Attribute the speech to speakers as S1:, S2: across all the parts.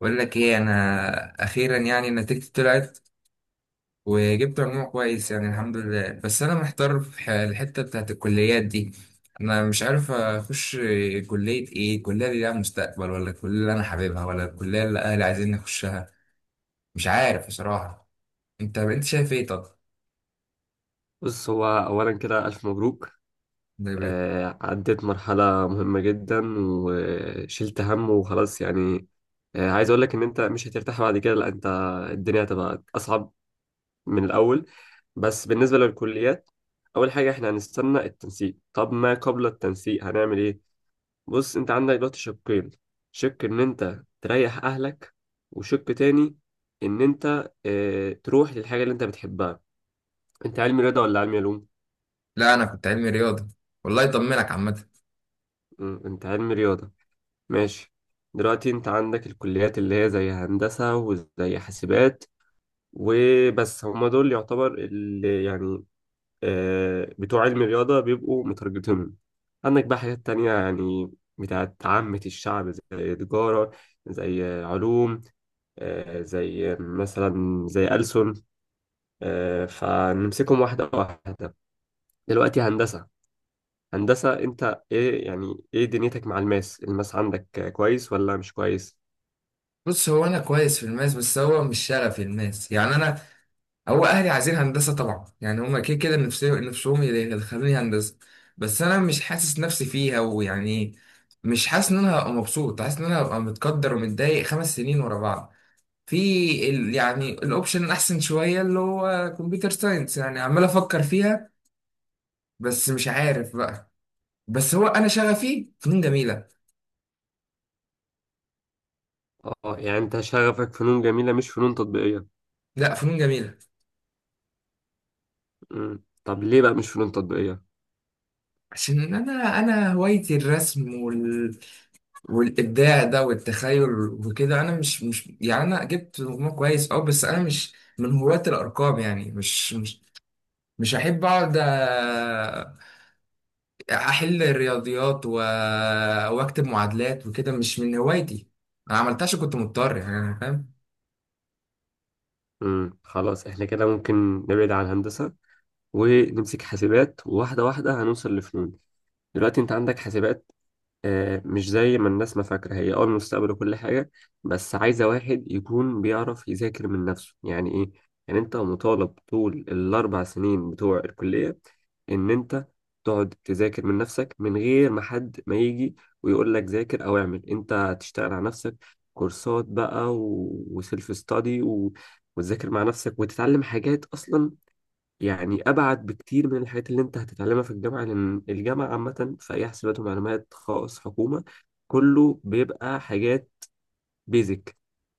S1: بقول لك ايه، انا اخيرا يعني نتيجتي طلعت وجبت مجموع كويس، يعني الحمد لله. بس انا محتار في الحته بتاعت الكليات دي. انا مش عارف اخش كليه ايه، الكليه اللي لها مستقبل ولا الكليه اللي انا حاببها ولا الكليه اللي اهلي عايزين نخشها؟ مش عارف بصراحه. انت شايف ايه طب؟
S2: بص هو أولا كده ألف مبروك. عديت مرحلة مهمة جدا وشلت هم وخلاص يعني. عايز أقول لك إن أنت مش هترتاح بعد كده، لا أنت الدنيا هتبقى أصعب من الأول. بس بالنسبة للكليات، أول حاجة إحنا هنستنى التنسيق. طب ما قبل التنسيق هنعمل إيه؟ بص أنت عندك دلوقتي شقين: شق إن أنت تريح أهلك، وشق تاني إن أنت تروح للحاجة اللي أنت بتحبها. أنت علمي رياضة ولا علمي علوم؟
S1: لا انا كنت علمي رياضه، والله يطمنك عامه.
S2: أنت علمي رياضة، ماشي. دلوقتي انت عندك الكليات اللي هي زي هندسة وزي حاسبات، وبس هما دول يعتبر اللي يعني بتوع علم الرياضة بيبقوا مترجتهم. عندك بقى حاجات تانية يعني، بتاعت عامة الشعب، زي تجارة، زي علوم، زي مثلا زي ألسن. فنمسكهم واحدة واحدة. دلوقتي هندسة، هندسة انت ايه يعني ايه دنيتك مع الماس؟ الماس عندك كويس ولا مش كويس؟
S1: بص، هو انا كويس في الماس بس هو مش شغفي الماس، يعني انا. هو اهلي عايزين هندسه طبعا، يعني هما كده كده نفسهم يدخلوني هندسه. بس انا مش حاسس نفسي فيها، ويعني مش حاسس ان انا هبقى مبسوط، حاسس ان انا هبقى متقدر ومتضايق خمس سنين ورا بعض. في يعني الاوبشن الاحسن شويه اللي هو كمبيوتر ساينس، يعني عمال افكر فيها بس مش عارف بقى. بس هو انا شغفي فنون جميله.
S2: اه، يعني انت شغفك فنون جميلة مش فنون تطبيقية.
S1: لا، فنون جميله.
S2: مم. طب ليه بقى مش فنون تطبيقية؟
S1: عشان انا هوايتي الرسم والابداع ده والتخيل وكده. انا مش يعني انا جبت مجموع كويس اه، بس انا مش من هواة الارقام. يعني مش احب اقعد احل الرياضيات واكتب معادلات وكده، مش من هوايتي. انا عملتهاش عشان كنت مضطر، يعني انا فاهم.
S2: مم. خلاص احنا كده ممكن نبعد عن هندسة ونمسك حاسبات، وواحدة واحدة هنوصل لفنون. دلوقتي انت عندك حاسبات، مش زي ما الناس ما فاكرة هي المستقبل وكل حاجة، بس عايزة واحد يكون بيعرف يذاكر من نفسه. يعني ايه؟ يعني انت مطالب طول الاربع سنين بتوع الكلية ان انت تقعد تذاكر من نفسك من غير ما حد ما يجي ويقول لك ذاكر او اعمل. انت هتشتغل على نفسك، كورسات بقى و... وسيلف ستادي و... وتذاكر مع نفسك وتتعلم حاجات اصلا، يعني ابعد بكتير من الحاجات اللي انت هتتعلمها في الجامعه، لان الجامعه عامه في اي حسابات ومعلومات خاص حكومه كله بيبقى حاجات بيزك.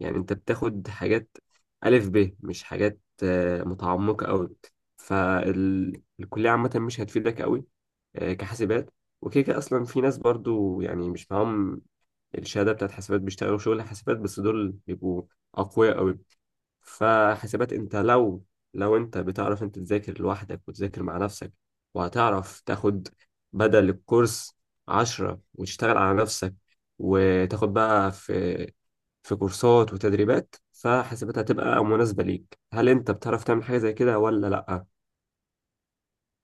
S2: يعني انت بتاخد حاجات الف ب، مش حاجات متعمقه قوي. فالكليه عامه مش هتفيدك قوي كحاسبات. وكده كده اصلا في ناس برضو يعني مش معاهم الشهاده بتاعت حاسبات بيشتغلوا شغل حاسبات، بس دول بيبقوا اقوياء قوي. فحاسبات انت لو انت بتعرف انت تذاكر لوحدك وتذاكر مع نفسك، وهتعرف تاخد بدل الكورس عشرة وتشتغل على نفسك وتاخد بقى في كورسات وتدريبات، فحاسبات هتبقى مناسبة ليك. هل انت بتعرف تعمل حاجة زي كده ولا لأ؟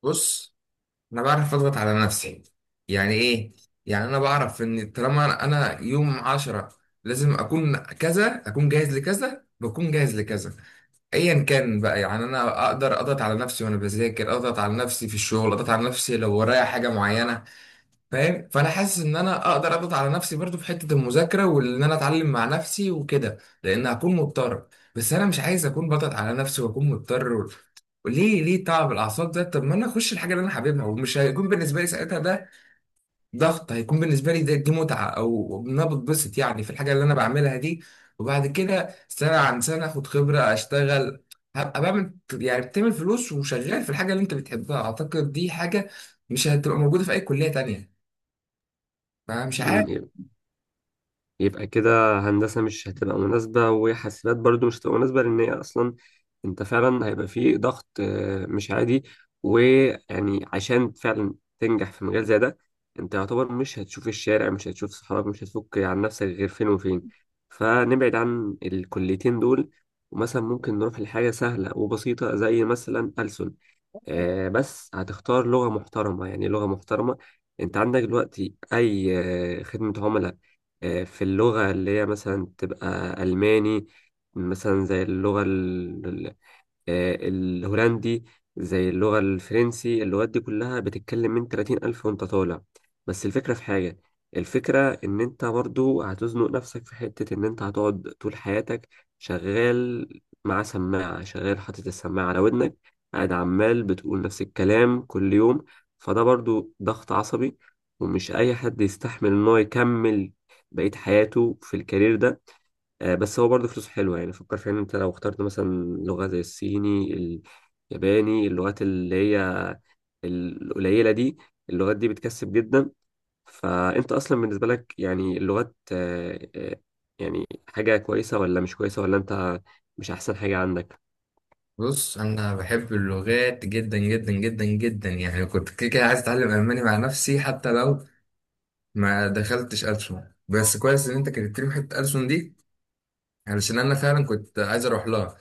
S1: بص، انا بعرف اضغط على نفسي. يعني ايه؟ يعني انا بعرف ان طالما انا أنا يوم عشرة، لازم اكون كذا، اكون جاهز لكذا، بكون جاهز لكذا، ايا كان بقى. يعني انا اقدر اضغط على نفسي، وانا بذاكر اضغط على نفسي، في الشغل اضغط على نفسي لو ورايا حاجه معينه، فاهم؟ فانا حاسس ان انا اقدر اضغط على نفسي برضو في حته المذاكره وان انا اتعلم مع نفسي وكده، لان هكون مضطر. بس انا مش عايز اكون بضغط على نفسي واكون مضطر ليه؟ ليه تعب الاعصاب ده؟ طب ما انا اخش الحاجه اللي انا حاببها ومش هيكون بالنسبه لي ساعتها ده ضغط، هيكون بالنسبه لي ده دي متعه، او ان انا بتبسط يعني في الحاجه اللي انا بعملها دي. وبعد كده سنه عن سنه اخد خبره، اشتغل، هبقى بعمل، يعني بتعمل فلوس وشغال في الحاجه اللي انت بتحبها. اعتقد دي حاجه مش هتبقى موجوده في اي كليه تانية، فمش عارف.
S2: مم، يبقى كده هندسة مش هتبقى مناسبة وحاسبات برضو مش هتبقى مناسبة، لأن هي أصلا أنت فعلا هيبقى فيه ضغط مش عادي. ويعني عشان فعلا تنجح في مجال زي ده أنت يعتبر مش هتشوف الشارع، مش هتشوف صحابك، مش هتفك عن نفسك غير فين وفين. فنبعد عن الكليتين دول، ومثلا ممكن نروح لحاجة سهلة وبسيطة زي مثلا ألسن. بس هتختار لغة محترمة، يعني لغة محترمة. انت عندك دلوقتي اي خدمة عملاء في اللغة اللي هي مثلا تبقى ألماني، مثلا زي اللغة الهولندي، زي اللغة الفرنسي. اللغات دي كلها بتتكلم من 30 ألف وانت طالع. بس الفكرة في حاجة، الفكرة إن أنت برضو هتزنق نفسك في حتة إن أنت هتقعد طول حياتك شغال مع سماعة، شغال حاطط السماعة على ودنك، قاعد عمال بتقول نفس الكلام كل يوم. فده برضو ضغط عصبي، ومش أي حد يستحمل إن هو يكمل بقية حياته في الكارير ده. بس هو برضه فلوسه حلوة، يعني فكر فيها ان انت لو اخترت مثلا لغة زي الصيني، الياباني، اللغات اللي هي القليلة دي، اللغات دي بتكسب جدا. فانت اصلا بالنسبة لك يعني اللغات يعني حاجة كويسة ولا مش كويسة، ولا انت مش احسن حاجة عندك؟
S1: بص، انا بحب اللغات جدا جدا جدا جدا، يعني كنت كده كده عايز اتعلم الماني مع نفسي حتى لو ما دخلتش ألسن. بس كويس ان انت كنت لي حته ألسن دي، علشان انا فعلا كنت عايز اروح لها.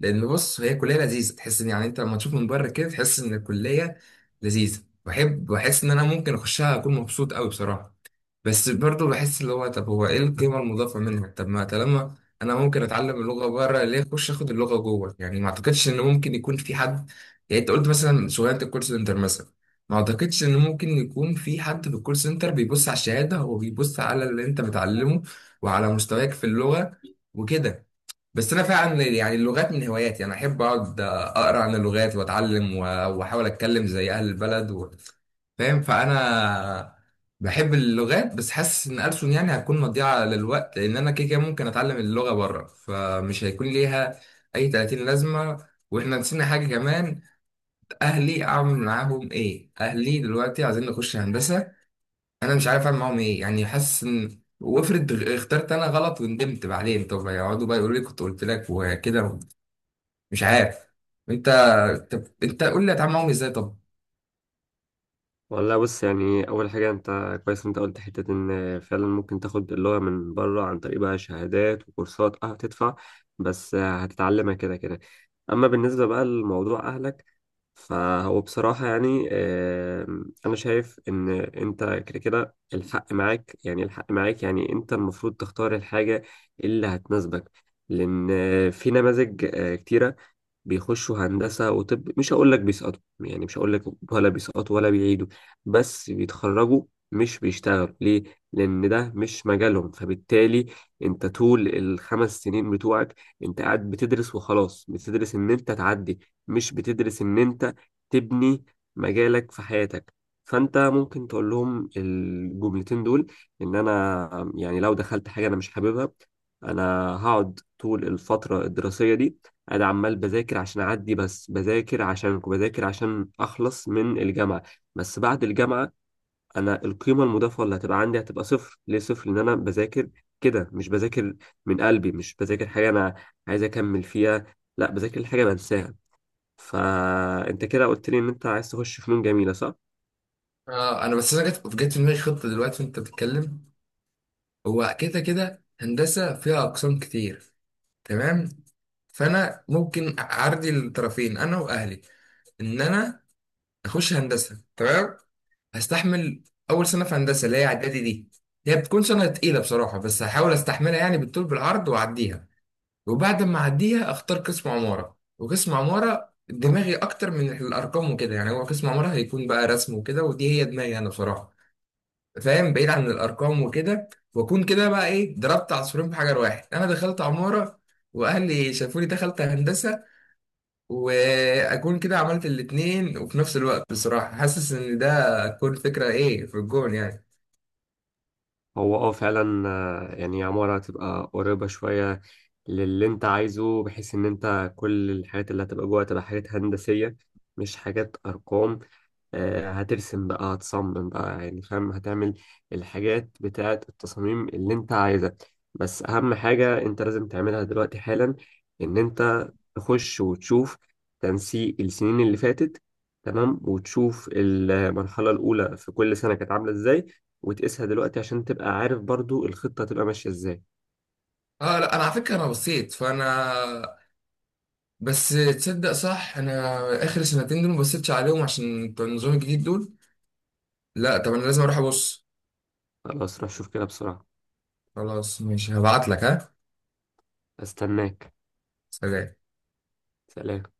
S1: لان بص، هي كليه لذيذه، تحس ان يعني انت لما تشوف من بره كده تحس ان الكليه لذيذه، بحب بحس ان انا ممكن اخشها اكون مبسوط قوي بصراحه. بس برضه بحس اللي هو طب هو ايه القيمة المضافة منها؟ طب ما طالما انا ممكن اتعلم اللغة بره، ليه اخش اخد اللغة جوه؟ يعني ما اعتقدش ان ممكن يكون في حد، يعني انت قلت مثلا شغلانة الكول سنتر مثلا، ما اعتقدش ان ممكن يكون في حد في الكول سنتر بيبص على الشهادة، هو بيبص على اللي انت بتعلمه وعلى مستواك في اللغة وكده. بس انا فعلا يعني اللغات من هواياتي، انا احب اقعد اقرا عن اللغات واتعلم واحاول اتكلم زي اهل البلد فاهم؟ فانا بحب اللغات، بس حاسس ان ألسن يعني هتكون مضيعه للوقت، لان انا كده كده ممكن اتعلم اللغه بره، فمش هيكون ليها اي 30 لازمه. واحنا نسينا حاجه كمان، اهلي اعمل معاهم ايه؟ اهلي دلوقتي عايزين نخش هندسه، انا مش عارف اعمل معاهم ايه. يعني حاسس ان وافرض اخترت انا غلط وندمت بعدين، طب يقعدوا بقى يقولوا لي كنت قلت لك وكده. مش عارف. انت، طب انت قول لي هتعامل معاهم ازاي طب؟
S2: والله بص يعني اول حاجة انت كويس إن انت قلت حتة ان فعلا ممكن تاخد اللغة من بره عن طريق بقى شهادات وكورسات، هتدفع بس هتتعلمها كده كده. اما بالنسبة بقى لموضوع اهلك، فهو بصراحة يعني، أنا شايف إن أنت كده كده الحق معاك، يعني الحق معاك، يعني أنت المفروض تختار الحاجة اللي هتناسبك، لأن في نماذج كتيرة بيخشوا هندسة وطب، مش هقول لك بيسقطوا، يعني مش هقول لك ولا بيسقطوا ولا بيعيدوا، بس بيتخرجوا مش بيشتغلوا. ليه؟ لأن ده مش مجالهم. فبالتالي أنت طول الخمس سنين بتوعك أنت قاعد بتدرس وخلاص، بتدرس إن أنت تعدي، مش بتدرس إن أنت تبني مجالك في حياتك. فأنت ممكن تقول لهم الجملتين دول: إن أنا يعني لو دخلت حاجة أنا مش حاببها، أنا هقعد طول الفترة الدراسية دي انا عمال بذاكر عشان اعدي، بس بذاكر عشانك، بذاكر عشان اخلص من الجامعه. بس بعد الجامعه انا القيمه المضافه اللي هتبقى عندي هتبقى صفر. ليه صفر؟ لان انا بذاكر كده، مش بذاكر من قلبي، مش بذاكر حاجه انا عايز اكمل فيها، لا بذاكر حاجه بنساها. فانت كده قلت لي ان انت عايز تخش فنون جميله، صح؟
S1: آه، انا بس انا جت في دماغي خطه دلوقتي وانت بتتكلم. هو كده كده هندسه فيها اقسام كتير، تمام؟ فانا ممكن اعرضي الطرفين انا واهلي ان انا اخش هندسه، تمام. هستحمل اول سنه في هندسه اللي هي اعدادي دي، هي بتكون سنه تقيله بصراحه، بس هحاول استحملها يعني بالطول بالعرض واعديها. وبعد ما اعديها اختار قسم عماره، وقسم عماره دماغي اكتر من الارقام وكده. يعني هو قسم عماره هيكون بقى رسم وكده، ودي هي دماغي انا بصراحه، فاهم؟ بعيد عن الارقام وكده. واكون كده بقى ايه، ضربت عصفورين بحجر واحد، انا دخلت عماره واهلي شافوني دخلت هندسه، واكون كده عملت الاتنين. وفي نفس الوقت بصراحه حاسس ان ده تكون فكره ايه في الجون يعني.
S2: هو فعلا، يعني عمارة هتبقى قريبة شوية للي انت عايزه، بحيث ان انت كل الحاجات اللي هتبقى جوه هتبقى حاجات هندسية مش حاجات أرقام. هترسم بقى هتصمم بقى يعني فاهم، هتعمل الحاجات بتاعة التصاميم اللي انت عايزها. بس اهم حاجة انت لازم تعملها دلوقتي حالا ان انت تخش وتشوف تنسيق السنين اللي فاتت، تمام، وتشوف المرحلة الأولى في كل سنة كانت عاملة ازاي، وتقيسها دلوقتي عشان تبقى عارف برضو الخطة تبقى ماشية ازاي.
S1: اه لا، انا على فكره انا بصيت، فانا بس، تصدق صح، انا اخر سنتين دول ما بصيتش عليهم عشان بتوع النظام الجديد دول. لا طب، انا لازم اروح ابص.
S2: خلاص روح شوف كده بسرعة.
S1: خلاص ماشي، هبعت لك، ها.
S2: استناك.
S1: سلام.
S2: سلام.